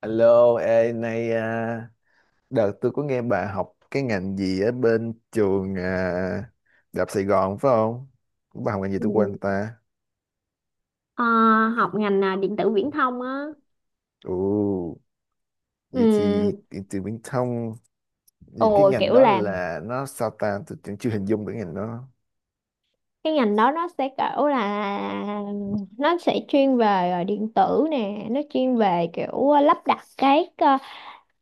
Alo, ê, nay đợt tôi có nghe bà học cái ngành gì ở bên trường Đại học Sài Gòn phải không? Bà học ngành gì tôi quên Ừ. ta. Ờ, học ngành à, điện tử viễn thông á. Ồ, vậy thì Ừ, từ Viễn thông, thì cái ồ ngành kiểu đó là là nó sao ta, tôi cũng chưa hình dung được ngành đó. cái ngành đó nó sẽ kiểu là nó sẽ chuyên về điện tử nè, nó chuyên về kiểu lắp đặt cái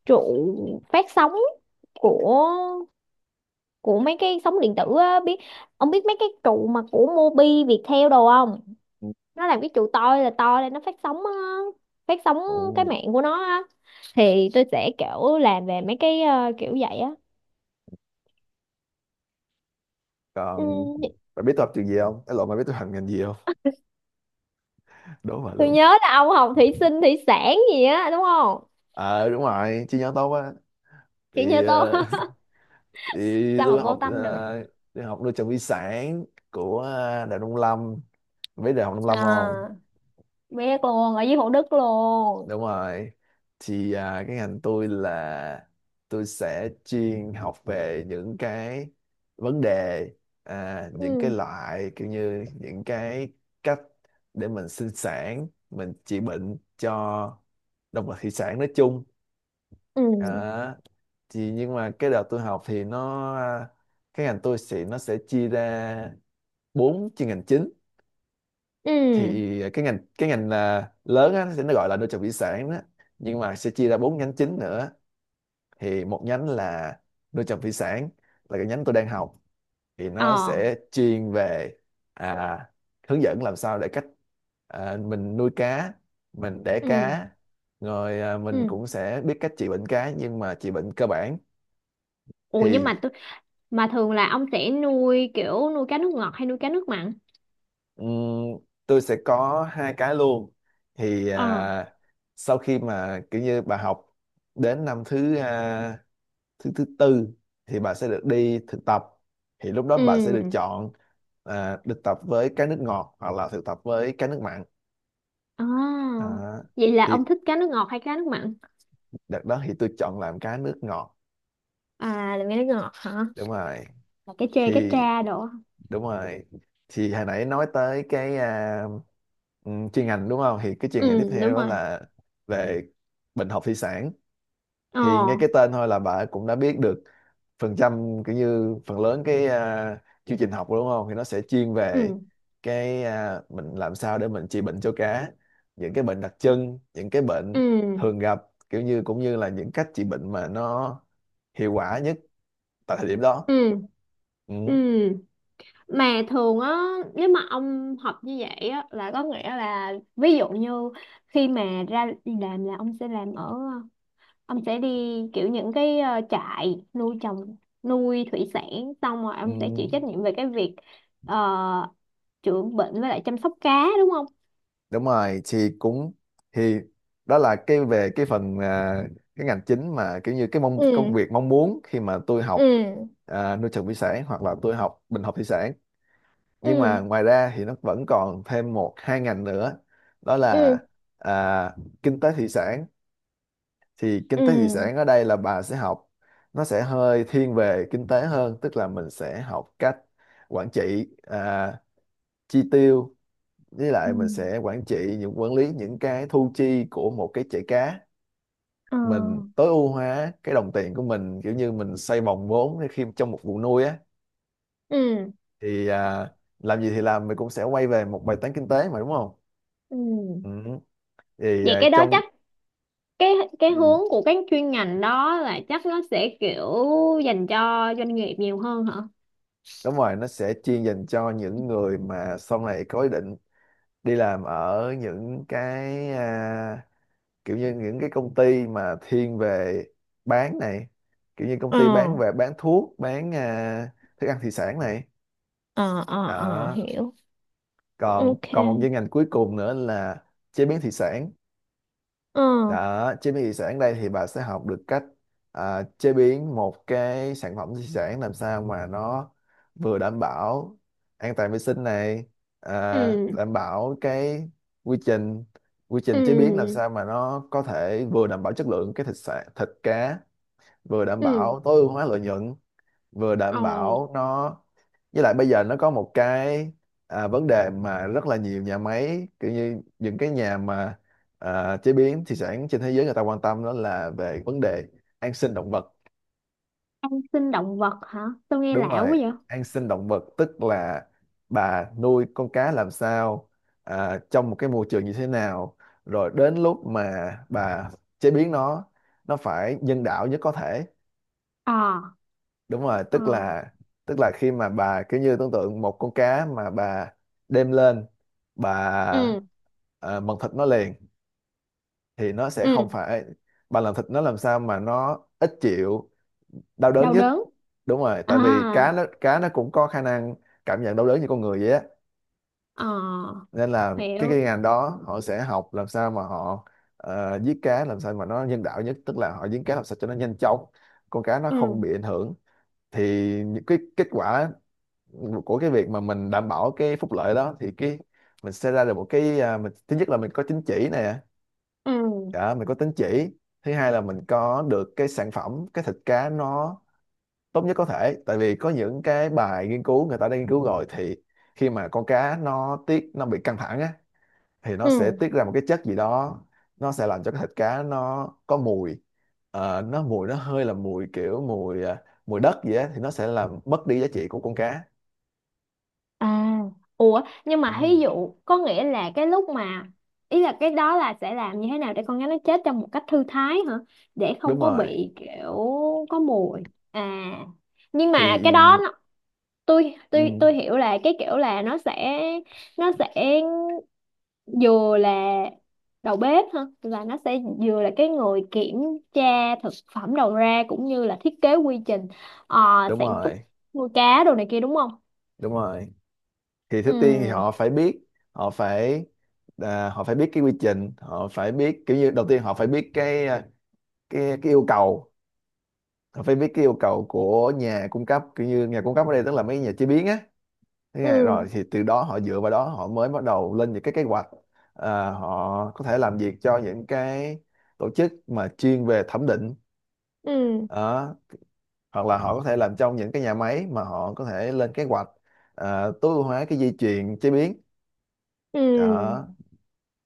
trụ phát sóng của của mấy cái sóng điện tử á, ông biết mấy cái trụ mà của Mobi Viettel đồ không? Nó làm cái trụ to là to lên nó phát sóng á, phát sóng cái Ồ, mạng của nó á. Thì tôi sẽ kiểu làm về mấy cái kiểu vậy á. còn Ừ, bà biết tôi học trường gì không? Cái lộn bà biết tôi học ngành gì không? Đố bà tôi luôn. nhớ là ông học thủy sinh thủy sản gì á đúng không? Ờ đúng rồi, chi nhánh tốt á. Chỉ Thì, như tôi. Thì Sao mà tôi vô học tâm được. Tôi học nuôi trồng thủy sản của Đại Nông Lâm, biết đại học Nông Lâm không? À, biết luôn, ở dưới Thủ Đức luôn. Đúng rồi. Thì cái ngành tôi là tôi sẽ chuyên học về những cái vấn đề, những cái Ừ. loại kiểu như những cái cách để mình sinh sản, mình trị bệnh cho động vật thủy sản nói chung. Ừ. à, thì nhưng mà cái đợt tôi học thì cái ngành tôi sẽ, nó sẽ chia ra bốn chuyên ngành chính. Ừ. Thì cái ngành lớn á, nó sẽ gọi là nuôi trồng thủy sản đó, nhưng mà sẽ chia ra bốn nhánh chính nữa. Thì một nhánh là nuôi trồng thủy sản, là cái nhánh tôi đang học. Thì nó Ờ. sẽ chuyên về à, hướng dẫn làm sao để cách mình nuôi cá, mình đẻ Ừ. cá, rồi mình Ừ. cũng sẽ biết cách trị bệnh cá nhưng mà trị bệnh cơ bản. Ủa nhưng Thì mà mà thường là ông sẽ nuôi kiểu nuôi cá nước ngọt hay nuôi cá nước mặn? Ừm, tôi sẽ có hai cái luôn. Thì Ờ. Sau khi mà kiểu như bà học đến năm thứ à, thứ thứ tư thì bà sẽ được đi thực tập, thì lúc đó bà sẽ được Ừ. chọn được tập với cái nước ngọt hoặc là thực tập với cái nước mặn. À, à, vậy là ông thì thích cá nước ngọt hay cá nước mặn? đợt đó thì tôi chọn làm cái nước ngọt. À, là cá nước ngọt hả? Đúng rồi. Là cá chê cá Thì tra đồ hả? đúng rồi, thì hồi nãy nói tới cái chuyên ngành đúng không, thì cái chuyên ngành tiếp Ừ, theo đúng đó rồi. là về bệnh học thủy sản. Ờ. Thì nghe cái tên thôi là bà cũng đã biết được phần trăm, kiểu như phần lớn cái chương trình học đúng không, thì nó sẽ chuyên về Ừ. cái mình làm sao để mình trị bệnh cho cá, những cái bệnh đặc trưng, những cái bệnh Ừ. thường gặp, kiểu như cũng như là những cách trị bệnh mà nó hiệu quả nhất tại thời điểm đó. Ừ. Ừ, Ừ, mà thường á, nếu mà ông học như vậy á là có nghĩa là, ví dụ như khi mà ra đi làm, là ông sẽ đi kiểu những cái trại nuôi trồng, nuôi thủy sản, xong rồi ông sẽ ừ. chịu trách nhiệm về cái việc uh, chữa bệnh với lại chăm sóc cá đúng không? Đúng rồi thì cũng, thì đó là cái về cái phần cái ngành chính mà kiểu như cái mong công Ừ. việc mong muốn khi mà tôi học Ừ. Nuôi trồng thủy sản hoặc là tôi học bình học thủy sản. Nhưng Ừ. mà ngoài ra thì nó vẫn còn thêm một hai ngành nữa. Đó là Ừ. à, kinh tế thủy sản. Thì kinh Ừ. tế thủy sản ở đây là bà sẽ học, nó sẽ hơi thiên về kinh tế hơn, tức là mình sẽ học cách quản trị chi tiêu, với Ừ. lại mình sẽ quản lý những cái thu chi của một cái chảy cá. Ờ. Mình tối ưu hóa cái đồng tiền của mình, kiểu như mình xây vòng vốn khi trong một vụ nuôi á. Ừ. Thì làm gì thì làm mình cũng sẽ quay về một bài toán kinh tế mà đúng không. Ừ, Ừ. Thì vậy cái đó trong chắc cái cái ừ, hướng của các chuyên ngành đó là chắc nó sẽ kiểu dành cho doanh nghiệp nhiều hơn hả? đúng rồi, nó sẽ chuyên dành cho những người mà sau này có ý định đi làm ở những cái kiểu như những cái công ty mà thiên về bán này, kiểu như công Ờ, ty bán về bán thuốc bán thức ăn thủy sản này. ờ, ờ, ờ, Đó, hiểu. còn Ok. còn một chuyên ngành cuối cùng nữa là chế biến thủy sản. Ờ. Đó, chế biến thủy sản đây thì bà sẽ học được cách chế biến một cái sản phẩm thủy sản làm sao mà nó vừa đảm bảo an toàn vệ sinh này, Ừ. đảm bảo cái quy trình quy trình chế biến làm Ừ. sao mà nó có thể vừa đảm bảo chất lượng cái thịt sản thịt cá, vừa đảm Ừ. bảo tối ưu hóa lợi nhuận, vừa Ồ, đảm bảo nó, với lại bây giờ nó có một cái vấn đề mà rất là nhiều nhà máy, kiểu như những cái nhà mà chế biến thủy sản trên thế giới người ta quan tâm, đó là về vấn đề an sinh động vật. ăn sinh động vật hả? Tôi nghe Đúng lạ quá rồi, vậy. an sinh động vật tức là bà nuôi con cá làm sao trong một cái môi trường như thế nào, rồi đến lúc mà bà chế biến nó phải nhân đạo nhất có thể. Ờ. Đúng rồi, Ờ. tức là khi mà bà kiểu như tưởng tượng một con cá mà bà đem lên, bà Ừ. Mần thịt nó liền thì nó sẽ không Ừ, phải, bà làm thịt nó làm sao mà nó ít chịu đau đớn đau nhất. đớn. Đúng rồi, À, tại vì cá nó cũng có khả năng cảm nhận đau đớn như con người vậy á. ờ, Nên là cái hiểu. ngành đó họ sẽ học làm sao mà họ giết cá làm sao mà nó nhân đạo nhất, tức là họ giết cá làm sao cho nó nhanh chóng, con cá nó không Ừ. bị ảnh hưởng. Thì những cái kết quả của cái việc mà mình đảm bảo cái phúc lợi đó thì cái mình sẽ ra được một cái mình thứ nhất là mình có tín chỉ nè. Ừ. Đó, mình có tín chỉ. Thứ hai là mình có được cái sản phẩm, cái thịt cá nó tốt nhất có thể. Tại vì có những cái bài nghiên cứu người ta đã nghiên cứu rồi thì khi mà con cá nó tiết, nó bị căng thẳng á thì nó sẽ Ừ. tiết ra một cái chất gì đó, nó sẽ làm cho cái thịt cá nó có mùi. Ờ, nó mùi nó hơi là mùi kiểu mùi mùi đất gì á, thì nó sẽ làm mất đi giá trị của con cá. À, ủa nhưng mà Ừ. ví dụ có nghĩa là cái lúc mà ý là cái đó là sẽ làm như thế nào để con gái nó chết trong một cách thư thái hả? Để Đúng không có rồi. bị kiểu có mùi. À, nhưng mà cái Thì đó nó, tôi tôi ừ, tôi hiểu là cái kiểu là nó sẽ vừa là đầu bếp hả? Là nó sẽ vừa là cái người kiểm tra thực phẩm đầu ra cũng như là thiết kế quy trình ờ, đúng sản xuất, rồi. nuôi cá đồ này kia đúng không? Đúng rồi, thì thứ tiên thì Ừ. họ phải biết, họ phải họ phải biết cái quy trình, họ phải biết kiểu như đầu tiên họ phải biết cái cái yêu cầu, họ phải biết cái yêu cầu của nhà cung cấp, kiểu như nhà cung cấp ở đây tức là mấy nhà chế biến á. Thế nghe, Ừ. rồi thì từ đó họ dựa vào đó họ mới bắt đầu lên những cái kế hoạch. Họ có thể làm việc cho những cái tổ chức mà chuyên về thẩm định. Ừ. Đó, hoặc là họ có thể làm trong những cái nhà máy mà họ có thể lên kế hoạch tối ưu hóa cái dây chuyền chế biến. Ừ, Đó.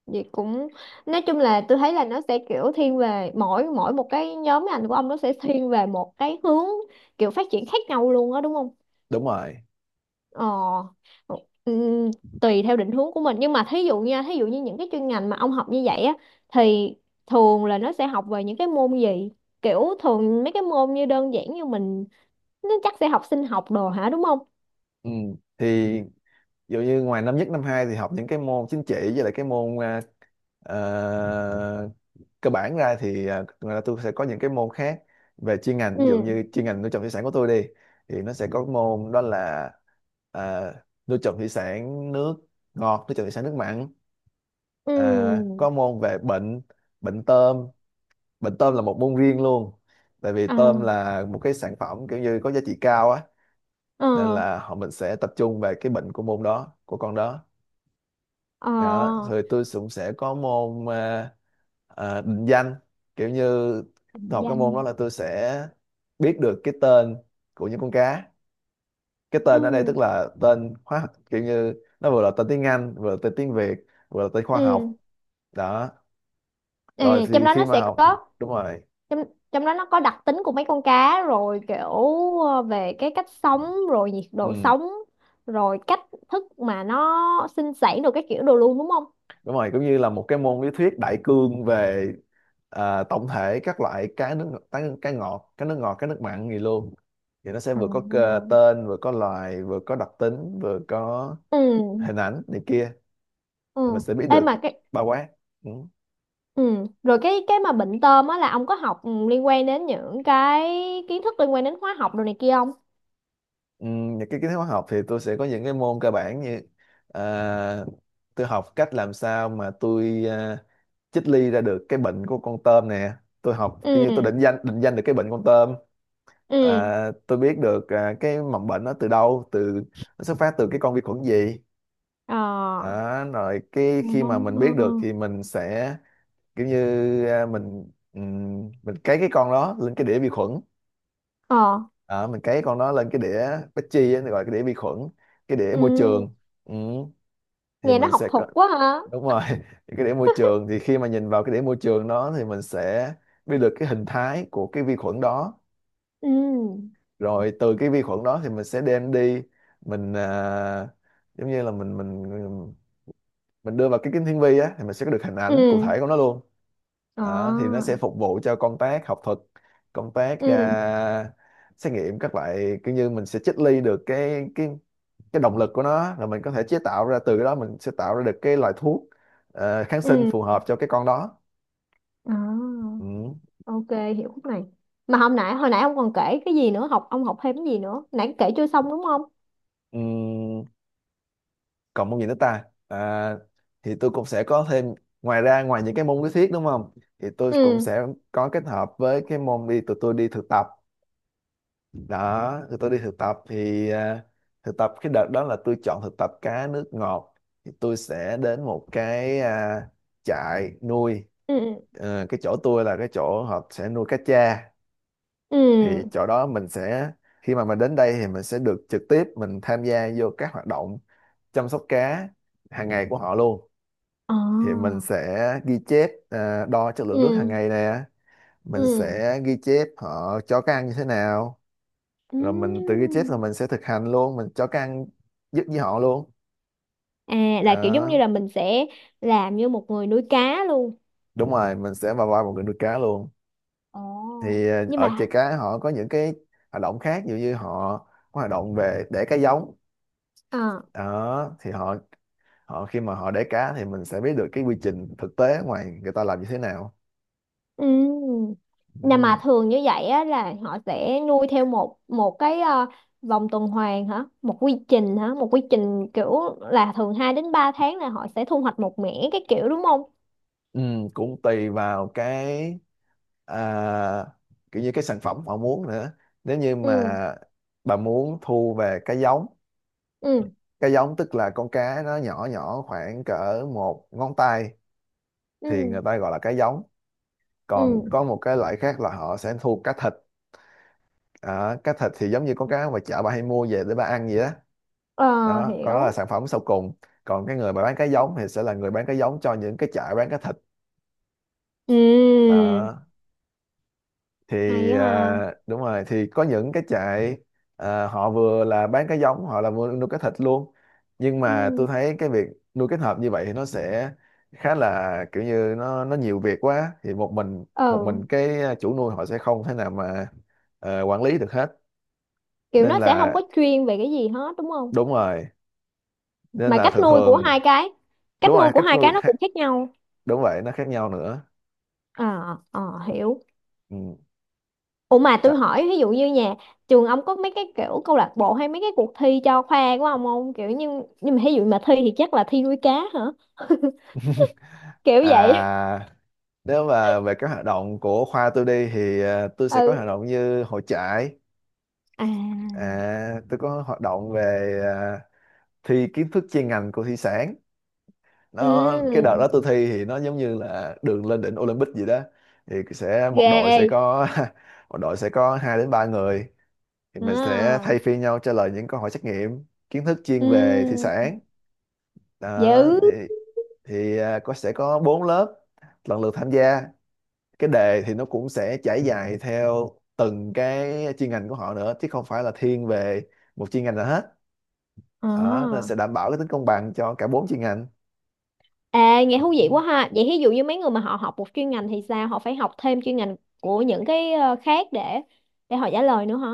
vậy cũng nói chung là tôi thấy là nó sẽ kiểu thiên về mỗi mỗi một cái nhóm ngành của ông, nó sẽ thiên về một cái hướng kiểu phát triển khác nhau luôn á đúng không? Đúng rồi. Ờ, ừm, tùy theo định hướng của mình. Nhưng mà thí dụ nha, thí dụ như những cái chuyên ngành mà ông học như vậy á, thì thường là nó sẽ học về những cái môn gì? Kiểu thường mấy cái môn như đơn giản như mình, nó chắc sẽ học sinh học đồ hả đúng không? Ừ. Thì ví dụ như ngoài năm nhất năm hai thì học những cái môn chính trị với lại cái môn ờ, cơ bản ra thì ngoài ra tôi sẽ có những cái môn khác về chuyên ngành, ví dụ Ừ. như chuyên ngành nuôi trồng thủy sản của tôi đi. Thì nó sẽ có môn đó là ờ, nuôi trồng thủy sản nước ngọt, nuôi trồng thủy sản nước mặn, Ừ. Có môn về bệnh, bệnh tôm. Bệnh tôm là một môn riêng luôn, tại vì tôm À. là một cái sản phẩm kiểu như có giá trị cao á. Nên Ờ. là mình sẽ tập trung về cái bệnh của môn đó của con đó. Ờ, Đó, rồi tôi cũng sẽ có môn định danh. Kiểu như tôi định học cái môn đó danh. là tôi sẽ biết được cái tên của những con cá. Cái tên ở đây Ừ. tức là tên hóa học, kiểu như nó vừa là tên tiếng Anh, vừa là tên tiếng Việt, vừa là tên khoa Ừ. học. Đó, rồi Ừ, trong thì đó khi nó mà sẽ học, có đúng rồi. trong trong đó nó có đặc tính của mấy con cá rồi kiểu về cái cách sống, rồi nhiệt độ Ừ. sống, rồi cách thức mà nó sinh sản được cái kiểu đồ luôn đúng không? Đúng rồi, cũng như là một cái môn lý thuyết đại cương về tổng thể các loại cá ngọt, cá nước ngọt, cá nước mặn gì luôn. Thì nó sẽ Ờ. vừa có cơ- tên, vừa có loài, vừa có đặc tính, vừa có Ừ. hình ảnh này kia. Thì mình Ừ. sẽ biết Ê được mà cái bao quát. Ừ. ừ, rồi cái mà bệnh tôm á, là ông có học ừ, liên quan đến những cái kiến thức liên quan đến hóa học đồ này kia không? Ừ, những cái kiến thức hóa học thì tôi sẽ có những cái môn cơ bản như à, tôi học cách làm sao mà tôi chích ly ra được cái bệnh của con tôm nè. Tôi học kiểu Ừ. như tôi định danh được cái bệnh con tôm. Ừ. À, tôi biết được cái mầm bệnh nó từ đâu, từ, nó xuất phát từ cái con vi khuẩn gì. Ờ. Đó, rồi cái khi Ờ. mà mình biết được thì mình sẽ kiểu như à, mình ừm, mình cấy cái con đó lên cái đĩa vi khuẩn. Ờ. Đó, mình cấy con đó lên cái đĩa Petri á, gọi là cái đĩa vi khuẩn, cái đĩa môi Ừ, trường. Ừ, thì nghe nó học thuật quá hả. đúng rồi, thì cái đĩa môi trường thì khi mà nhìn vào cái đĩa môi trường đó thì mình sẽ biết được cái hình thái của cái vi khuẩn đó, Ừ. rồi từ cái vi khuẩn đó thì mình sẽ đem đi, mình à, giống như là mình mình đưa vào cái kính hiển vi á, thì mình sẽ có được hình ảnh cụ Ừ. thể của nó luôn. Đó, thì nó Ờ. sẽ phục vụ cho công tác học thuật, công tác Ừ. à, xét nghiệm các loại, kiểu như mình sẽ triết ly được cái cái động lực của nó, rồi mình có thể chế tạo ra, từ cái đó mình sẽ tạo ra được cái loại thuốc kháng sinh Ừ. phù hợp cho cái con đó. Ờ. Ừ. Ok, hiểu khúc này. Mà hôm nãy hồi nãy ông còn kể cái gì nữa, ông học thêm cái gì nữa nãy kể chưa xong đúng không? Ừ. Còn môn gì nữa ta, thì tôi cũng sẽ có thêm, ngoài ra ngoài những cái môn lý thuyết đúng không, thì tôi cũng Ừ. sẽ có kết hợp với cái môn đi, tụi tôi đi thực tập. Đó, tụi tôi đi thực tập thì thực tập cái đợt đó là tôi chọn thực tập cá nước ngọt, thì tôi sẽ đến một cái, trại nuôi. Ừ. Ờ, cái chỗ tôi là cái chỗ họ sẽ nuôi cá tra, thì Ừ. chỗ đó mình sẽ, khi mà mình đến đây thì mình sẽ được trực tiếp mình tham gia vô các hoạt động chăm sóc cá hàng ngày của họ luôn. Thì mình Ờ. sẽ ghi chép đo chất lượng nước hàng Ừ. ngày nè, mình Ừ. sẽ ghi chép họ cho cái ăn như thế nào, Ừ, rồi mình tự ghi chép rồi mình sẽ thực hành luôn, mình cho cái ăn giúp với họ luôn. à là kiểu giống như Đó. là mình sẽ làm như một người nuôi cá luôn. Đúng rồi, mình sẽ vào vai một người nuôi cá luôn. Ồ. Thì à, Nhưng ở chợ mà, cá họ có những cái hoạt động khác, ví dụ như họ có hoạt động về đẻ cá giống. ờ. Đó thì họ, họ khi mà họ đẻ cá thì mình sẽ biết được cái quy trình thực tế ở ngoài người ta làm như thế nào. Ừ. Nè Ừ. mà thường như vậy á, là họ sẽ nuôi theo một một cái vòng tuần hoàn hả? Một quy trình hả? Một quy trình kiểu là thường 2 đến 3 tháng là họ sẽ thu hoạch một mẻ cái kiểu đúng không? Ừ, cũng tùy vào cái, à, kiểu như cái sản phẩm họ muốn nữa. Nếu như mà Ừ, bà muốn thu về cái giống, ừ, cái giống tức là con cá nó nhỏ nhỏ khoảng cỡ một ngón tay, thì người ừ, ta gọi là cá giống. Còn ừ. có một cái loại khác là họ sẽ thu cá thịt. À, cá thịt thì giống như con cá mà chợ bà hay mua về để bà ăn vậy đó. Ờ, Đó, còn đó là hiểu. sản phẩm sau cùng. Còn cái người mà bán cái giống thì sẽ là người bán cái giống cho những cái chợ bán cái thịt. Ừ, Đó thì hay ha. Đúng rồi, thì có những cái trại họ vừa là bán cái giống, họ là vừa nuôi cái thịt luôn. Nhưng Ừ. mà tôi thấy cái việc nuôi kết hợp như vậy thì nó sẽ khá là, kiểu như nó nhiều việc quá, thì một mình một Ừ, mình cái chủ nuôi họ sẽ không thể nào mà quản lý được hết. kiểu Nên nó sẽ không là có chuyên về cái gì hết đúng không? đúng rồi, nên Mà là cách thường nuôi của thường hai cái, cách đúng nuôi rồi, của cách hai cái nuôi nó cũng khác nhau. đúng vậy, nó khác nhau nữa. Ờ, ờ, hiểu. Ừ. Ủa mà Đó. tôi hỏi, ví dụ như nhà trường ông có mấy cái kiểu câu lạc bộ hay mấy cái cuộc thi cho khoa của ông không? Kiểu như, nhưng mà ví dụ mà thi thì chắc là thi nuôi cá hả? Kiểu vậy. À, nếu mà về các hoạt động của khoa tôi đi, thì ờ, tôi sẽ có hoạt Ừ. động như hội trại. À. À, tôi có hoạt động về thi kiến thức chuyên ngành của thủy sản. Nó cái đợt đó Ừ. tôi thi thì nó giống như là đường lên đỉnh Olympic gì đó. Thì sẽ một đội sẽ Ghê. có một đội sẽ có hai đến ba người, thì mình sẽ À. thay phiên nhau trả lời những câu hỏi trắc nghiệm kiến thức chuyên về thủy Ừ. sản. Đó Dữ. thì có sẽ có bốn lớp lần lượt tham gia. Cái đề thì nó cũng sẽ trải dài theo từng cái chuyên ngành của họ nữa, chứ không phải là thiên về một chuyên ngành nào hết. Đó, nó À. sẽ đảm bảo cái tính công bằng cho cả bốn chuyên ngành. À, nghe thú vị quá ha. Vậy ví dụ như mấy người mà họ học một chuyên ngành thì sao? Họ phải học thêm chuyên ngành của những cái khác, để họ trả lời nữa hả?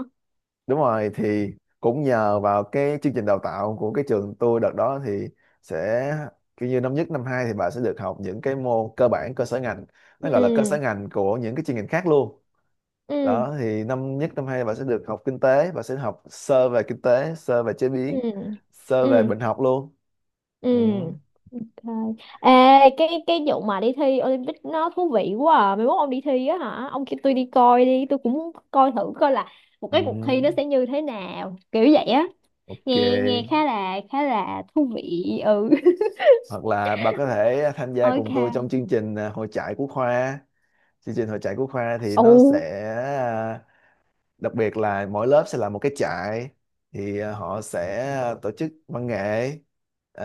Đúng rồi, thì cũng nhờ vào cái chương trình đào tạo của cái trường tôi đợt đó, thì sẽ kiểu như năm nhất năm hai thì bà sẽ được học những cái môn cơ bản cơ sở ngành, nó gọi là cơ Ừ. sở ngành của những cái chuyên ngành khác luôn. Ừ. Đó thì năm nhất năm hai bà sẽ được học kinh tế, bà sẽ học sơ về kinh tế, sơ về chế Ừ. biến, sơ về Ừ. bệnh học luôn. Ừ. Ừ. Ok. Ê, cái vụ mà đi thi Olympic nó thú vị quá à. Mai mốt ông đi thi á hả? Ông kêu tôi đi coi đi, tôi cũng muốn coi thử coi là một Ừ. cái cuộc thi nó sẽ như thế nào, kiểu vậy á. Ok, Nghe nghe khá là thú vị. Ừ. hoặc là bà có thể tham gia Ok. cùng tôi trong chương trình hội trại của khoa. Chương trình hội trại của khoa thì nó Ồ. sẽ đặc biệt là mỗi lớp sẽ là một cái trại, thì họ sẽ tổ chức văn nghệ,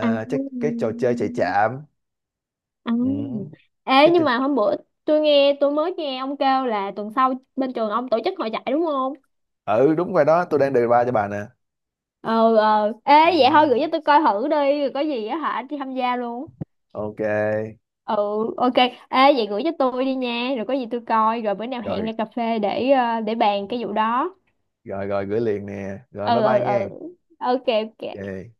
À. chắc cái trò chơi chạy chạm. À. Ừ. Ê, cái trò- nhưng mà hôm bữa tôi mới nghe ông kêu là tuần sau bên trường ông tổ chức hội chạy đúng không? ừ đúng rồi đó, tôi đang đề ba cho bà nè. Ờ, ờ. Ê, vậy thôi Ừ. gửi cho tôi coi thử đi, rồi có gì á hả đi tham gia luôn. Ok, Ừ. Ok. Ê, vậy gửi cho tôi đi nha, rồi có gì tôi coi, rồi bữa nào hẹn rồi ra cà phê để bàn cái vụ đó. rồi rồi gửi liền nè, rồi bye Ừ. Ừ. bye Ừ. nghe. Ok. Ok. Ok.